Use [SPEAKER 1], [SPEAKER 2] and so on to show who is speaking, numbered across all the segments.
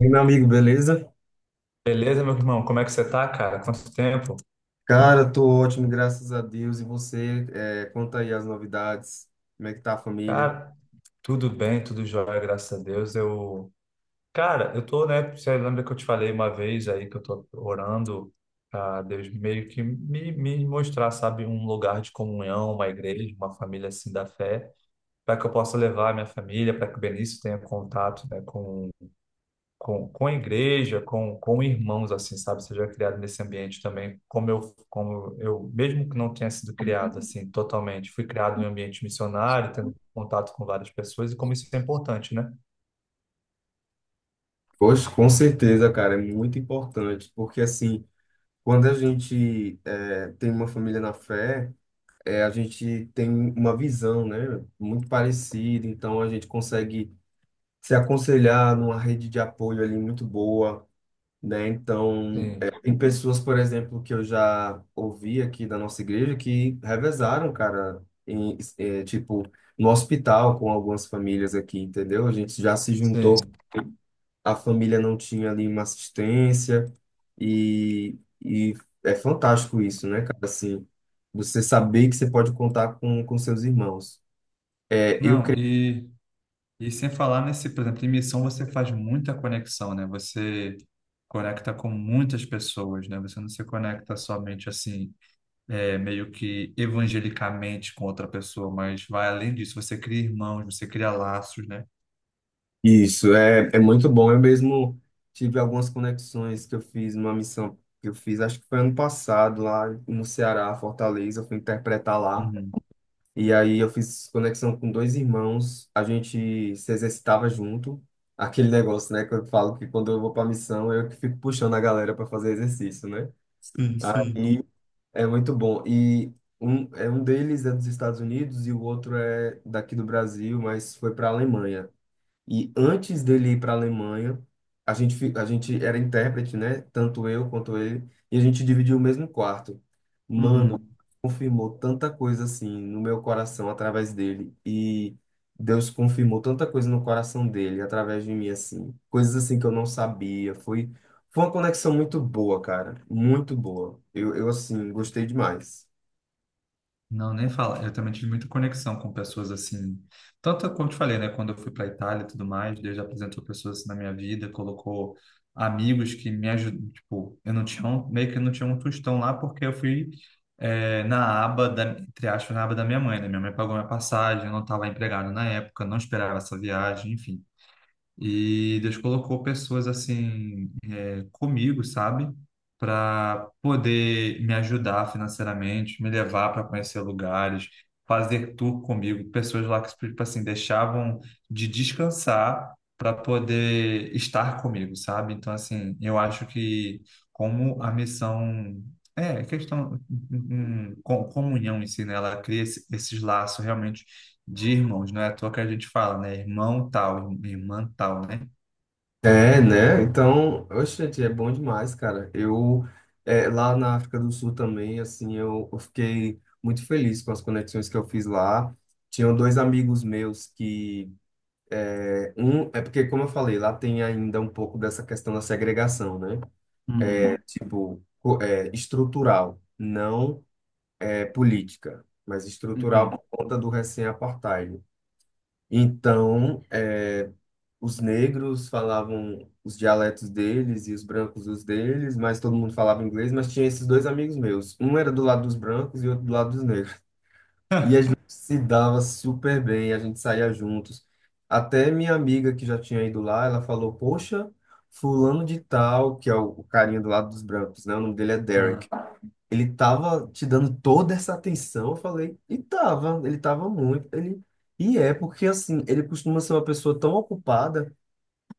[SPEAKER 1] E meu amigo, beleza?
[SPEAKER 2] Beleza, meu irmão? Como é que você tá, cara? Quanto tempo?
[SPEAKER 1] Cara, tô ótimo, graças a Deus. E você, conta aí as novidades, como é que tá a família?
[SPEAKER 2] Cara, tudo bem, tudo jóia, graças a Deus. Cara, eu tô, né? Você lembra que eu te falei uma vez aí que eu tô orando a Deus meio que me mostrar, sabe, um lugar de comunhão, uma igreja, uma família assim da fé, para que eu possa levar a minha família, para que o Benício tenha contato, né, com a igreja, com irmãos, assim, sabe? Seja criado nesse ambiente também, como eu, mesmo que não tenha sido criado, assim, totalmente, fui criado em um ambiente missionário, tendo contato com várias pessoas, e como isso é importante, né?
[SPEAKER 1] Poxa, com certeza, cara, é muito importante, porque assim, quando a gente tem uma família na fé, a gente tem uma visão, né, muito parecida, então a gente consegue se aconselhar numa rede de apoio ali muito boa, né? Então, é,
[SPEAKER 2] Sim,
[SPEAKER 1] tem pessoas, por exemplo, que eu já ouvi aqui da nossa igreja que revezaram, cara, em, é, tipo, no hospital com algumas famílias aqui, entendeu? A gente já se juntou,
[SPEAKER 2] sim.
[SPEAKER 1] a família não tinha ali uma assistência e, e é fantástico isso, né, cara? Assim, você saber que você pode contar com seus irmãos. É, eu
[SPEAKER 2] Não, e, e sem falar nesse, por exemplo, em missão você faz muita conexão, né? Você conecta com muitas pessoas, né? Você não se conecta somente assim meio que evangelicamente com outra pessoa, mas vai além disso. Você cria irmãos, você cria laços, né?
[SPEAKER 1] Isso, é muito bom. Eu mesmo tive algumas conexões que eu fiz numa missão que eu fiz, acho que foi ano passado, lá no Ceará, Fortaleza, eu fui interpretar lá.
[SPEAKER 2] Uhum.
[SPEAKER 1] E aí eu fiz conexão com dois irmãos, a gente se exercitava junto. Aquele negócio, né, que eu falo que quando eu vou pra missão, eu que fico puxando a galera para fazer exercício, né?
[SPEAKER 2] Sim, sim.
[SPEAKER 1] Aí é muito bom. E um deles é dos Estados Unidos e o outro é daqui do Brasil, mas foi para a Alemanha. E antes dele ir para a Alemanha, a gente era intérprete, né? Tanto eu quanto ele. E a gente dividiu o mesmo quarto. Mano,
[SPEAKER 2] Uhum.
[SPEAKER 1] confirmou tanta coisa assim no meu coração através dele. E Deus confirmou tanta coisa no coração dele através de mim, assim. Coisas assim que eu não sabia. Foi uma conexão muito boa, cara. Muito boa. Eu assim, gostei demais.
[SPEAKER 2] Não, nem fala. Eu também tive muita conexão com pessoas assim. Tanto como te falei, né? Quando eu fui para Itália e tudo mais, Deus apresentou pessoas assim na minha vida, colocou amigos que me ajudam. Tipo, eu não tinha um, meio que eu não tinha um tostão lá porque eu fui na aba da, entre aspas, na aba da minha mãe, né? Minha mãe pagou minha passagem, eu não estava empregado na época, não esperava essa viagem, enfim. E Deus colocou pessoas assim comigo, sabe? Para poder me ajudar financeiramente, me levar para conhecer lugares, fazer tour comigo. Pessoas lá que, tipo assim, deixavam de descansar para poder estar comigo, sabe? Então, assim, eu acho que como a missão. É, questão, comunhão em si, né? Ela cria esses laços realmente de irmãos, não é à toa que a gente fala, né? Irmão tal, irmã tal, né?
[SPEAKER 1] É, né? Então, oxe, gente, é bom demais, cara. Lá na África do Sul também, assim, eu fiquei muito feliz com as conexões que eu fiz lá. Tinham dois amigos meus é porque, como eu falei, lá tem ainda um pouco dessa questão da segregação, né?
[SPEAKER 2] Uhum.
[SPEAKER 1] Estrutural, não é política, mas estrutural
[SPEAKER 2] Uhum.
[SPEAKER 1] por conta do recém-apartheid. Então, os negros falavam os dialetos deles e os brancos os deles, mas todo mundo falava inglês, mas tinha esses dois amigos meus. Um era do lado dos brancos e outro do lado dos negros. E a gente se dava super bem, a gente saía juntos. Até minha amiga que já tinha ido lá, ela falou: "Poxa, fulano de tal, que é o carinha do lado dos brancos, né? O nome dele é Derek.
[SPEAKER 2] Ah,
[SPEAKER 1] Ele tava te dando toda essa atenção". Eu falei: "E tava, ele tava muito, ele E é porque assim, ele costuma ser uma pessoa tão ocupada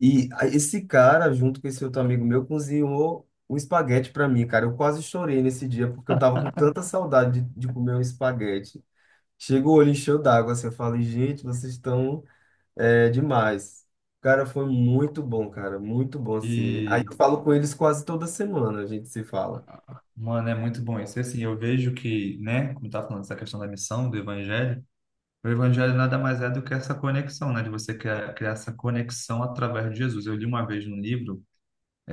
[SPEAKER 1] e esse cara, junto com esse outro amigo meu, cozinhou um espaguete para mim, cara. Eu quase chorei nesse dia, porque eu tava com tanta saudade de comer um espaguete. Chegou o olho encheu d'água, assim, eu falei, gente, vocês estão demais. Cara, foi muito bom, cara, muito bom, assim. Aí eu
[SPEAKER 2] E,
[SPEAKER 1] falo com eles quase toda semana, a gente se fala.
[SPEAKER 2] mano, é muito bom isso. E, assim, eu vejo que, né, como tá falando dessa questão da missão, do evangelho, o evangelho nada mais é do que essa conexão, né, de você criar, criar essa conexão através de Jesus. Eu li uma vez num livro,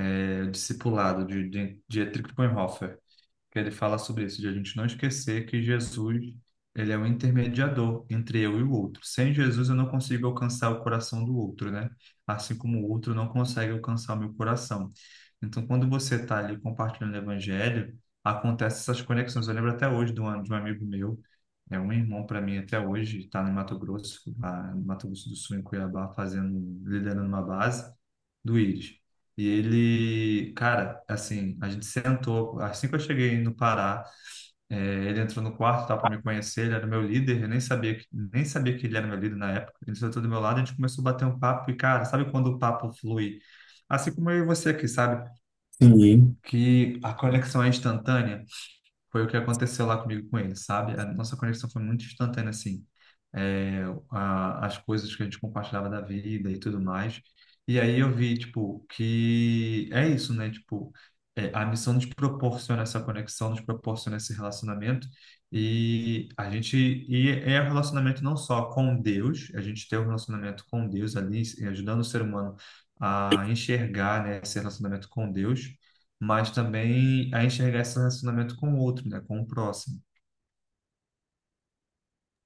[SPEAKER 2] Discipulado, de Dietrich Bonhoeffer, que ele fala sobre isso, de a gente não esquecer que Jesus, ele é o intermediador entre eu e o outro. Sem Jesus eu não consigo alcançar o coração do outro, né? Assim como o outro não consegue alcançar o meu coração. Então, quando você está ali compartilhando o evangelho, acontecem essas conexões. Eu lembro até hoje de um amigo meu, é um irmão para mim até hoje, está no Mato Grosso, lá no Mato Grosso do Sul, em Cuiabá, fazendo, liderando uma base do Íris. E ele, cara, assim, a gente sentou, assim que eu cheguei no Pará, é, ele entrou no quarto, tal, para me conhecer, ele era meu líder, eu nem sabia que, nem sabia que ele era meu líder na época. Ele sentou do meu lado, a gente começou a bater um papo e, cara, sabe quando o papo flui? Assim como eu e você aqui, sabe?
[SPEAKER 1] Sim,
[SPEAKER 2] Que a conexão é instantânea, foi o que aconteceu lá comigo com ele, sabe? A nossa conexão foi muito instantânea, assim. É, a, as coisas que a gente compartilhava da vida e tudo mais. E aí eu vi, tipo, que é isso, né? Tipo, a missão nos proporciona essa conexão, nos proporciona esse relacionamento. E a gente, e é um relacionamento não só com Deus, a gente tem um relacionamento com Deus ali, ajudando o ser humano a enxergar, né, esse relacionamento com Deus, mas também a enxergar esse relacionamento com o outro, né? Com o próximo.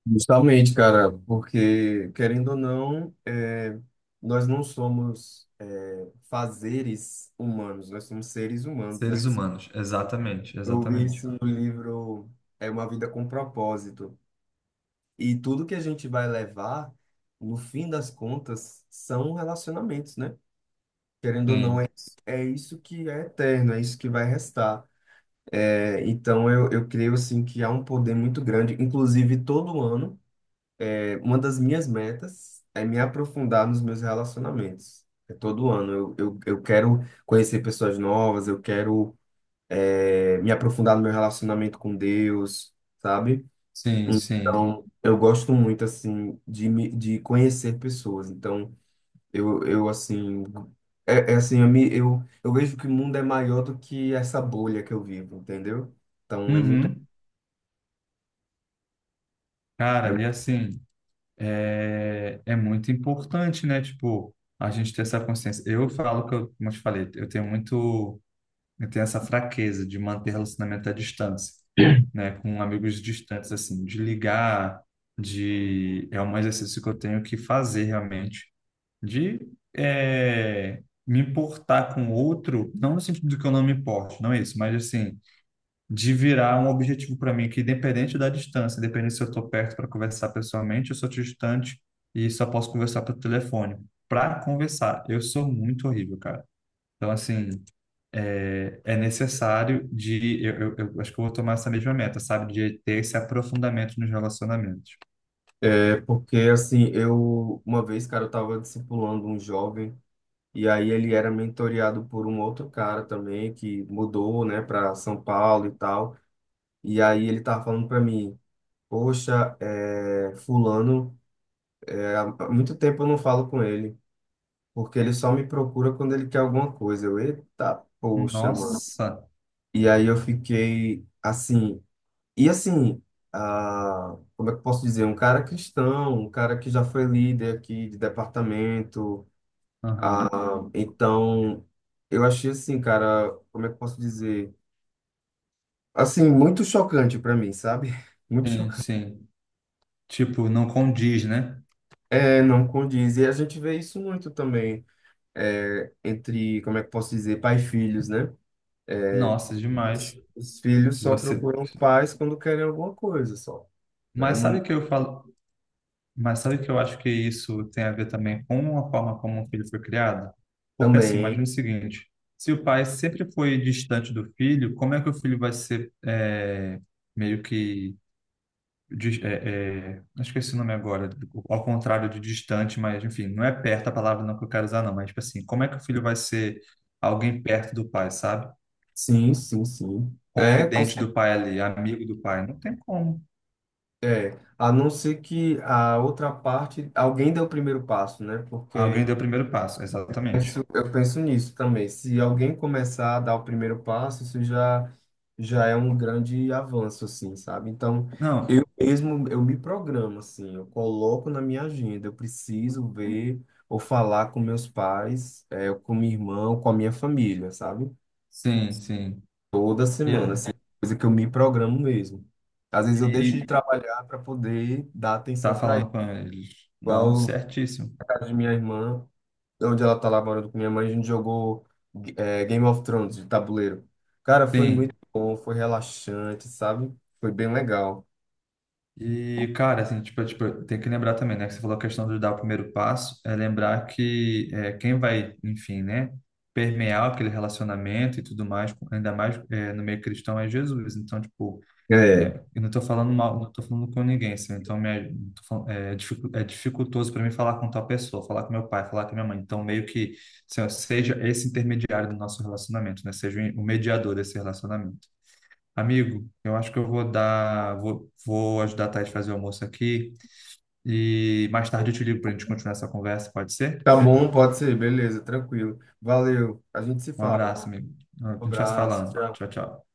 [SPEAKER 1] justamente, cara, porque, querendo ou não, nós não somos fazeres humanos, nós somos seres humanos, né?
[SPEAKER 2] Seres humanos, exatamente,
[SPEAKER 1] Eu vi
[SPEAKER 2] exatamente.
[SPEAKER 1] isso no livro É uma Vida com Propósito. E tudo que a gente vai levar, no fim das contas, são relacionamentos, né? Querendo ou não,
[SPEAKER 2] Sim,
[SPEAKER 1] é isso que é eterno, é isso que vai restar. É, então, eu creio, assim, que há um poder muito grande. Inclusive, todo ano, uma das minhas metas é me aprofundar nos meus relacionamentos. É todo ano. Eu quero conhecer pessoas novas, me aprofundar no meu relacionamento com Deus, sabe?
[SPEAKER 2] sim, sim.
[SPEAKER 1] Eu gosto muito, assim, de conhecer pessoas. Então, eu assim, é, é assim, eu, me, eu vejo que o mundo é maior do que essa bolha que eu vivo, entendeu? Então, é muito.
[SPEAKER 2] Uhum.
[SPEAKER 1] É
[SPEAKER 2] Cara, e assim, é muito importante, né? Tipo, a gente ter essa consciência. Eu falo que eu, como eu te falei, eu tenho essa fraqueza de manter relacionamento à distância, né? Com amigos distantes, assim, de ligar, de... É um exercício que eu tenho que fazer realmente de me importar com o outro, não no sentido de que eu não me importo, não é isso, mas assim, de virar um objetivo para mim que independente da distância, independente se eu estou perto para conversar pessoalmente, eu sou distante e só posso conversar pelo telefone. Para conversar, eu sou muito horrível, cara. Então, assim, é necessário de. Eu acho que eu vou tomar essa mesma meta, sabe? De ter esse aprofundamento nos relacionamentos.
[SPEAKER 1] é porque, assim, uma vez, cara, eu tava discipulando um jovem, e aí ele era mentoreado por um outro cara também, que mudou, né, pra São Paulo e tal. E aí ele tava falando pra mim, poxa, é, fulano, é, há muito tempo eu não falo com ele. Porque ele só me procura quando ele quer alguma coisa. Eita, poxa, mano.
[SPEAKER 2] Nossa!
[SPEAKER 1] E aí eu fiquei assim. E assim, ah, como é que eu posso dizer? Um cara cristão, um cara que já foi líder aqui de departamento. Ah,
[SPEAKER 2] Aham.
[SPEAKER 1] então, eu achei assim, cara, como é que eu posso dizer? Assim, muito chocante pra mim, sabe? Muito
[SPEAKER 2] Sim,
[SPEAKER 1] chocante.
[SPEAKER 2] sim. Tipo, não condiz, né?
[SPEAKER 1] É, não condiz. E a gente vê isso muito também entre, como é que eu posso dizer, pai e filhos, né?
[SPEAKER 2] Nossa, demais.
[SPEAKER 1] Os filhos só
[SPEAKER 2] Você.
[SPEAKER 1] procuram os pais quando querem alguma coisa, só, né?
[SPEAKER 2] Mas
[SPEAKER 1] Não,
[SPEAKER 2] sabe que eu falo, mas sabe que eu acho que isso tem a ver também com a forma como o filho foi criado? Porque assim,
[SPEAKER 1] também,
[SPEAKER 2] imagina o seguinte: se o pai sempre foi distante do filho, como é que o filho vai ser meio que eu esqueci o nome agora, ao contrário de distante, mas enfim, não é perto a palavra não que eu quero usar, não, mas tipo assim, como é que o filho vai ser alguém perto do pai, sabe?
[SPEAKER 1] sim, sim, sim.
[SPEAKER 2] Confidente do pai ali, amigo do pai? Não tem como.
[SPEAKER 1] A não ser que a outra parte, alguém dê o primeiro passo, né?
[SPEAKER 2] Alguém
[SPEAKER 1] Porque
[SPEAKER 2] deu o primeiro passo, exatamente.
[SPEAKER 1] penso, eu penso nisso também. Se alguém começar a dar o primeiro passo, isso já, já é um grande avanço, assim, sabe? Então,
[SPEAKER 2] Não,
[SPEAKER 1] eu mesmo, eu me programo, assim, eu coloco na minha agenda, eu preciso ver ou falar com meus pais, com minha irmã, ou com a minha família, sabe?
[SPEAKER 2] sim, sim.
[SPEAKER 1] Toda
[SPEAKER 2] E,
[SPEAKER 1] semana,
[SPEAKER 2] é,
[SPEAKER 1] assim, coisa que eu me programo mesmo. Às vezes eu deixo de
[SPEAKER 2] e
[SPEAKER 1] trabalhar para poder dar
[SPEAKER 2] tá
[SPEAKER 1] atenção para ele.
[SPEAKER 2] falando com eles. Não,
[SPEAKER 1] Igual o
[SPEAKER 2] certíssimo.
[SPEAKER 1] caso de minha irmã, onde ela tá lá morando com minha mãe, a gente jogou Game of Thrones de tabuleiro. Cara, foi muito
[SPEAKER 2] Sim.
[SPEAKER 1] bom, foi relaxante, sabe? Foi bem legal.
[SPEAKER 2] E, cara, assim, tipo, tem que lembrar também, né? Que você falou a questão de dar o primeiro passo, é lembrar quem vai, enfim, né? Permear aquele relacionamento e tudo mais, ainda mais no meio cristão, é Jesus. Então, tipo,
[SPEAKER 1] É,
[SPEAKER 2] É, eu não estou falando mal, não estou falando com ninguém, assim, tô falando- é, dificu- é dificultoso para mim falar com tal pessoa, falar com meu pai, falar com minha mãe. Então, meio que assim, ó, seja esse intermediário do nosso relacionamento, né? Seja o mediador desse relacionamento. Amigo, eu acho que eu vou dar, vou, vou ajudar a Thaís a fazer o almoço aqui e mais tarde eu te ligo para a gente continuar essa conversa, pode ser?
[SPEAKER 1] tá bom, pode ser, beleza, tranquilo. Valeu, a gente se
[SPEAKER 2] Um abraço,
[SPEAKER 1] fala.
[SPEAKER 2] amigo. A
[SPEAKER 1] Um
[SPEAKER 2] gente vai se
[SPEAKER 1] abraço,
[SPEAKER 2] falando.
[SPEAKER 1] tchau.
[SPEAKER 2] Tchau, tchau.